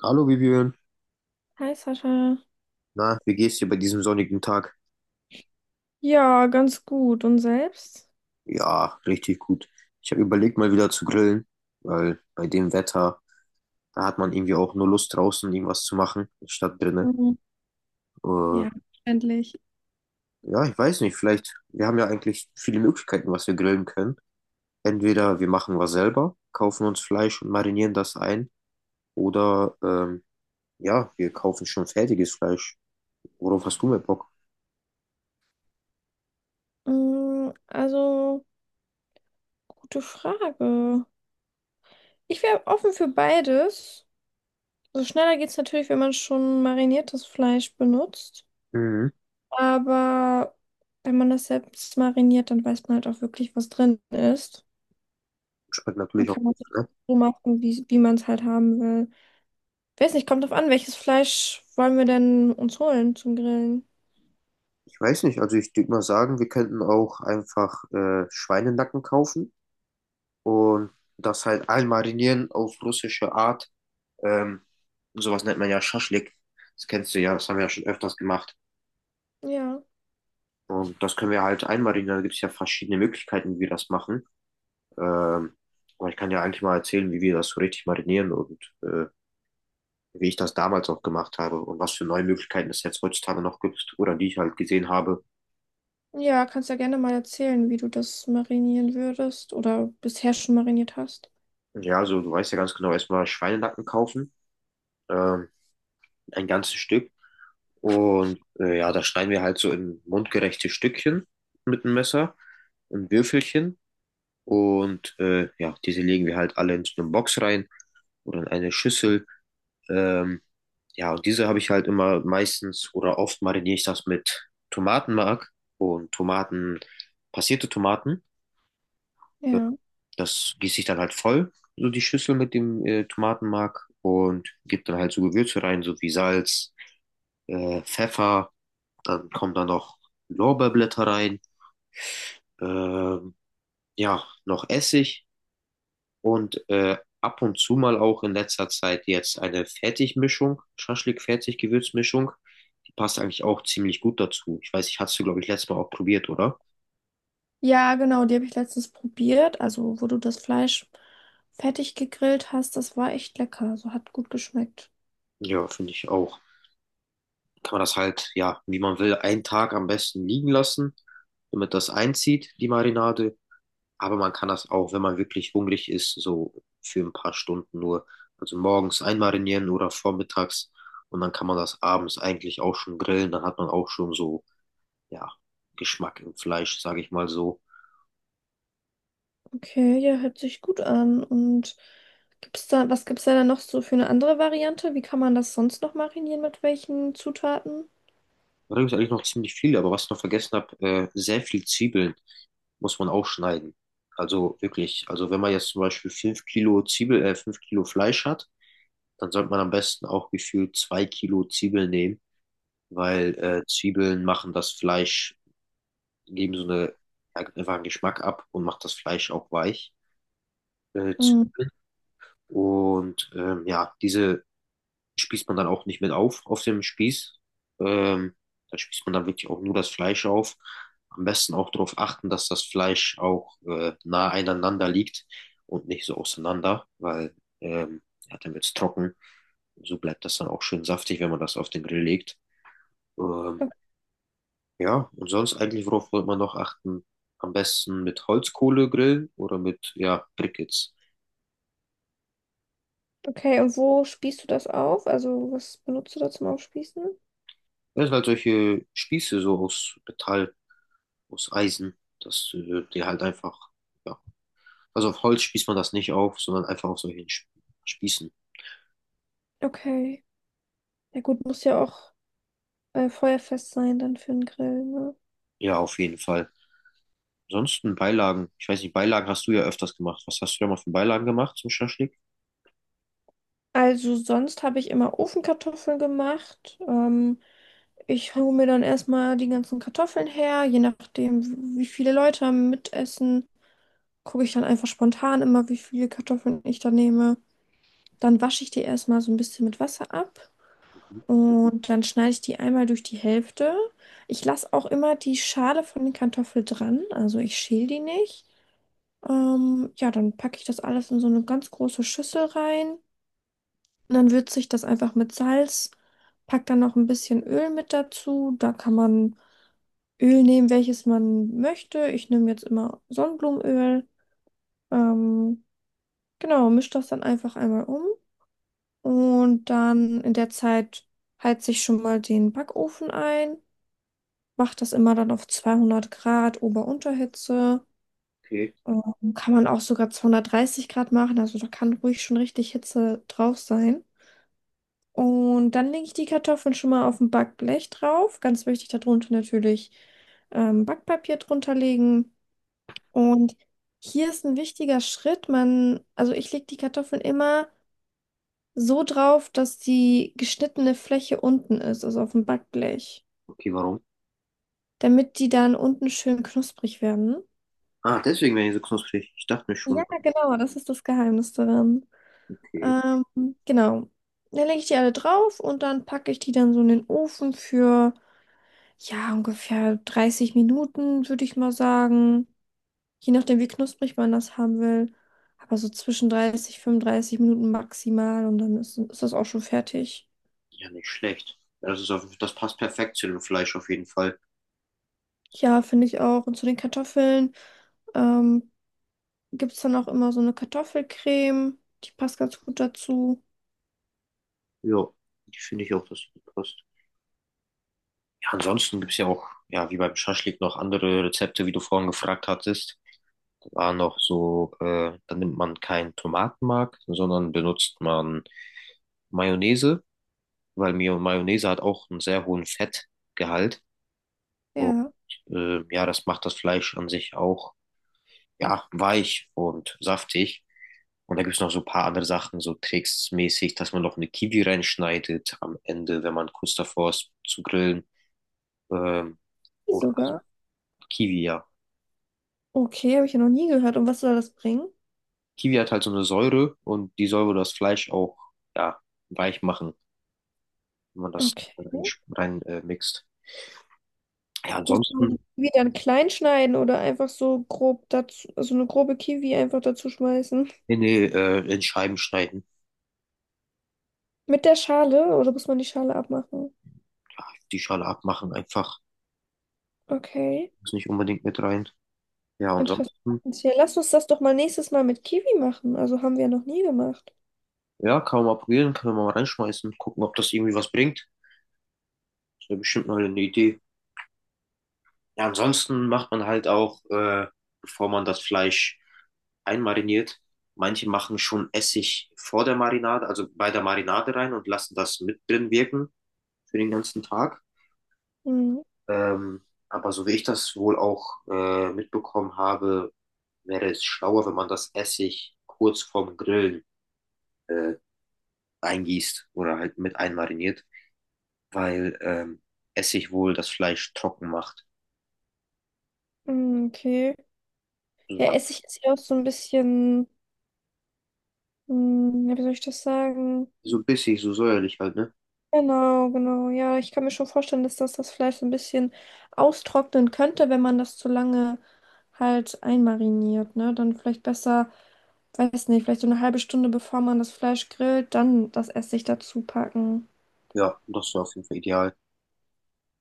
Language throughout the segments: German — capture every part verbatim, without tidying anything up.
Hallo Vivian, Hi Sascha. na, wie geht's dir bei diesem sonnigen Tag? Ja, ganz gut. Und selbst? Ja, richtig gut. Ich habe überlegt, mal wieder zu grillen, weil bei dem Wetter, da hat man irgendwie auch nur Lust draußen irgendwas zu machen, statt drinnen. Mhm. Äh, Ja, endlich. ja, ich weiß nicht, vielleicht, wir haben ja eigentlich viele Möglichkeiten, was wir grillen können. Entweder wir machen was selber, kaufen uns Fleisch und marinieren das ein, oder ähm, ja, wir kaufen schon fertiges Fleisch. Worauf hast du mehr Bock? Mm, Also, gute Frage. Ich wäre offen für beides. Also schneller geht es natürlich, wenn man schon mariniertes Fleisch benutzt. Mhm. Aber wenn man das selbst mariniert, dann weiß man halt auch wirklich, was drin ist. Schmeckt Dann natürlich auch kann man gut, das ne? so machen, wie, wie man es halt haben will. Ich weiß nicht, kommt drauf an, welches Fleisch wollen wir denn uns holen zum Grillen? Ich weiß nicht, also ich würde mal sagen, wir könnten auch einfach äh, Schweinenacken kaufen und das halt einmarinieren auf russische Art. Ähm, sowas nennt man ja Schaschlik. Das kennst du ja, das haben wir ja schon öfters gemacht. Ja. Und das können wir halt einmarinieren. Da gibt es ja verschiedene Möglichkeiten, wie wir das machen. Ähm, aber ich kann ja eigentlich mal erzählen, wie wir das so richtig marinieren und äh, wie ich das damals auch gemacht habe und was für neue Möglichkeiten es jetzt heutzutage noch gibt oder die ich halt gesehen habe. Ja, kannst ja gerne mal erzählen, wie du das marinieren würdest oder bisher schon mariniert hast. Ja, also du weißt ja ganz genau, erstmal Schweinenacken kaufen. Ähm, ein ganzes Stück. Und äh, ja, da schneiden wir halt so in mundgerechte Stückchen mit dem Messer, in Würfelchen. Und äh, ja, diese legen wir halt alle in so eine Box rein oder in eine Schüssel. Ähm, ja, und diese habe ich halt immer meistens oder oft mariniere ich das mit Tomatenmark und Tomaten, passierte Tomaten. äh, Ja. Das gieße ich dann halt voll, so die Schüssel mit dem äh, Tomatenmark und gebe dann halt so Gewürze rein, so wie Salz, äh, Pfeffer. Dann kommen da noch Lorbeerblätter rein, ähm, ja, noch Essig und äh, ab und zu mal auch in letzter Zeit jetzt eine Fertigmischung, Schaschlik-Fertig-Gewürzmischung. Die passt eigentlich auch ziemlich gut dazu. Ich weiß, ich hast du glaube ich, letztes Mal auch probiert, oder? Ja, genau, die habe ich letztens probiert. Also, wo du das Fleisch fertig gegrillt hast, das war echt lecker. Also, hat gut geschmeckt. Ja, finde ich auch. Kann man das halt, ja, wie man will, einen Tag am besten liegen lassen, damit das einzieht, die Marinade. Aber man kann das auch, wenn man wirklich hungrig ist, so für ein paar Stunden nur, also morgens einmarinieren oder vormittags und dann kann man das abends eigentlich auch schon grillen. Dann hat man auch schon so, ja, Geschmack im Fleisch, sage ich mal so. Okay, ja, hört sich gut an. Und gibt's da, was gibt's da dann noch so für eine andere Variante? Wie kann man das sonst noch marinieren? Mit welchen Zutaten? Da gibt es eigentlich noch ziemlich viel, aber was ich noch vergessen habe, äh, sehr viel Zwiebeln muss man auch schneiden. Also wirklich, also wenn man jetzt zum Beispiel fünf Kilo Zwiebel, äh, fünf Kilo Fleisch hat, dann sollte man am besten auch gefühlt zwei Kilo Zwiebeln nehmen, weil äh, Zwiebeln machen das Fleisch geben so eine, einfach einen Geschmack ab und macht das Fleisch auch weich. Äh, Hm. Und ähm, ja, diese spießt man dann auch nicht mit auf, auf dem Spieß. Ähm, da spießt man dann wirklich auch nur das Fleisch auf. Am besten auch darauf achten, dass das Fleisch auch äh, nah einander liegt und nicht so auseinander, weil ähm, ja, dann wird es trocken. So bleibt das dann auch schön saftig, wenn man das auf den Grill legt. Ähm, O- Ja, und sonst eigentlich, worauf wollte man noch achten? Am besten mit Holzkohle grillen oder mit, ja, Briquettes. Okay, und wo spießt du das auf? Also, was benutzt du da zum Aufspießen? Das sind halt solche Spieße so aus Metall, aus Eisen, dass äh, die halt einfach, ja. Also auf Holz spießt man das nicht auf, sondern einfach auf solchen Sp- Spießen. Okay. Ja gut, muss ja auch äh, feuerfest sein dann für den Grill, ne? Ja, auf jeden Fall. Ansonsten Beilagen. Ich weiß nicht, Beilagen hast du ja öfters gemacht. Was hast du da mal für Beilagen gemacht zum Schaschlik? Also sonst habe ich immer Ofenkartoffeln gemacht. Ähm, ich hole mir dann erstmal die ganzen Kartoffeln her, je nachdem, wie viele Leute mitessen, gucke ich dann einfach spontan immer, wie viele Kartoffeln ich da nehme. Dann wasche ich die erstmal so ein bisschen mit Wasser ab und dann schneide ich die einmal durch die Hälfte. Ich lasse auch immer die Schale von den Kartoffeln dran, also ich schäle die nicht. Ähm, ja, dann packe ich das alles in so eine ganz große Schüssel rein. Und dann würze ich das einfach mit Salz, pack dann noch ein bisschen Öl mit dazu. Da kann man Öl nehmen, welches man möchte. Ich nehme jetzt immer Sonnenblumenöl. Ähm, genau, misch das dann einfach einmal um. Und dann in der Zeit heize ich schon mal den Backofen ein. Mache das immer dann auf zweihundert Grad Ober-Unterhitze. Okay. Ähm, kann man auch sogar zweihundertdreißig Grad machen. Also da kann ruhig schon richtig Hitze drauf sein. Und dann lege ich die Kartoffeln schon mal auf ein Backblech drauf. Ganz wichtig, darunter natürlich ähm, Backpapier drunter legen. Und hier ist ein wichtiger Schritt. Man, also ich lege die Kartoffeln immer so drauf, dass die geschnittene Fläche unten ist, also auf dem Backblech, Okay, warum? damit die dann unten schön knusprig werden. Ah, deswegen werden die so knusprig. Ich dachte mir schon, Ja, genau, das ist das Geheimnis daran. okay. Ähm, genau. Dann lege ich die alle drauf und dann packe ich die dann so in den Ofen für ja, ungefähr dreißig Minuten, würde ich mal sagen. Je nachdem, wie knusprig man das haben will. Aber so zwischen dreißig, fünfunddreißig Minuten maximal und dann ist, ist das auch schon fertig. Ja, nicht schlecht. Ja, Das ist auf, das passt perfekt zu dem Fleisch auf jeden Fall. Ja, finde ich auch. Und zu den Kartoffeln ähm, gibt es dann auch immer so eine Kartoffelcreme. Die passt ganz gut dazu. Ja, die finde ich auch, dass die gut passt. Ja, ansonsten gibt es ja auch, ja, wie beim Schaschlik noch andere Rezepte, wie du vorhin gefragt hattest. Da war noch so, äh, da nimmt man keinen Tomatenmark, sondern benutzt man Mayonnaise, weil Mio- Mayonnaise hat auch einen sehr hohen Fettgehalt. Und Ja, äh, ja, das macht das Fleisch an sich auch, ja, weich und saftig. Und da gibt es noch so ein paar andere Sachen, so tricksmäßig, dass man noch eine Kiwi reinschneidet am Ende, wenn man kurz davor ist zu grillen. Ähm, die oder halt sogar. Kiwi, ja. Okay, habe ich ja noch nie gehört. Und was soll das bringen? Kiwi hat halt so eine Säure und die soll wohl das Fleisch auch, ja, weich machen, wenn man das Okay. rein, rein äh, mixt. Ja, Muss man ansonsten die Kiwi dann klein schneiden oder einfach so grob dazu, also eine grobe Kiwi einfach dazu schmeißen? in, die, äh, in Scheiben schneiden, Mit der Schale oder muss man die Schale abmachen? die Schale abmachen einfach. Okay, Muss nicht unbedingt mit rein. Ja, interessant. ansonsten, Ja, lass uns das doch mal nächstes Mal mit Kiwi machen. Also haben wir ja noch nie gemacht. ja, kann man mal probieren, kann man mal reinschmeißen, gucken, ob das irgendwie was bringt. Ist ja bestimmt mal eine Idee. Ja, ansonsten macht man halt auch, äh, bevor man das Fleisch einmariniert, manche machen schon Essig vor der Marinade, also bei der Marinade rein und lassen das mit drin wirken für den ganzen Tag. Mhm. Ähm, aber so wie ich das wohl auch äh, mitbekommen habe, wäre es schlauer, wenn man das Essig kurz vorm Grillen äh, eingießt oder halt mit einmariniert, weil ähm, Essig wohl das Fleisch trocken macht. Mhm, okay. So Ja, halt- Essig ist ja auch so ein bisschen, hm, ja, wie soll ich das sagen? so bissig, so säuerlich halt, ne? Genau, genau. Ja, ich kann mir schon vorstellen, dass das das Fleisch so ein bisschen austrocknen könnte, wenn man das zu lange halt einmariniert, ne? Dann vielleicht besser, weiß nicht, vielleicht so eine halbe Stunde bevor man das Fleisch grillt, dann das Essig dazu packen. Ja, das wäre auf jeden Fall ideal,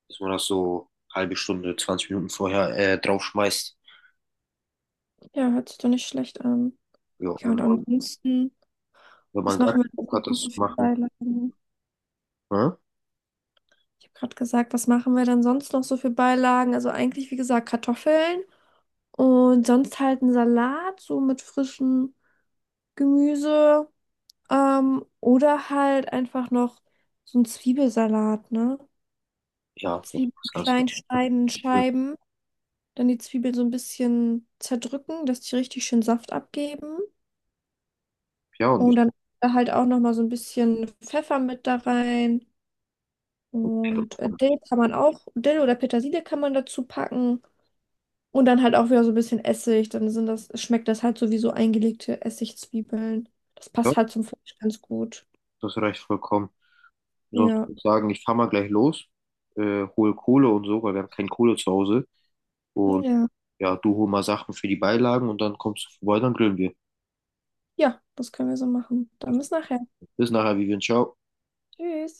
dass man das so halbe Stunde, zwanzig Minuten vorher äh, draufschmeißt. Ja, hört sich doch nicht schlecht an. Ja, Ja, und und wenn man, ansonsten, wenn man was gar machen wir keinen denn Bock hat, sonst noch das zu so für machen, Beilagen? ne? Ich habe gerade gesagt, was machen wir denn sonst noch so für Beilagen? Also eigentlich, wie gesagt, Kartoffeln und sonst halt einen Salat, so mit frischem Gemüse. Ähm, oder halt einfach noch so einen Zwiebelsalat, ne? ja, das Zwiebeln ist ganz klein schneiden, in normal. Scheiben, dann die Zwiebeln so ein bisschen zerdrücken, dass die richtig schön Saft abgeben. Ja, und Und ich, dann halt auch nochmal so ein bisschen Pfeffer mit da rein. Und äh, Dill kann man auch, Dill oder Petersilie kann man dazu packen. Und dann halt auch wieder so ein bisschen Essig. Dann sind das, schmeckt das halt so wie so eingelegte Essigzwiebeln. Das ja, passt halt zum Fleisch ganz gut. das reicht vollkommen. Sonst Ja. würde ich sagen, ich fahr mal gleich los, äh, hol Kohle und so, weil wir haben keine Kohle zu Hause. Und Ja. ja, du hol mal Sachen für die Beilagen und dann kommst du vorbei, dann grillen wir. Ja, das können wir so machen. Dann bis nachher. Bis nachher, Vivian, ciao. Tschüss.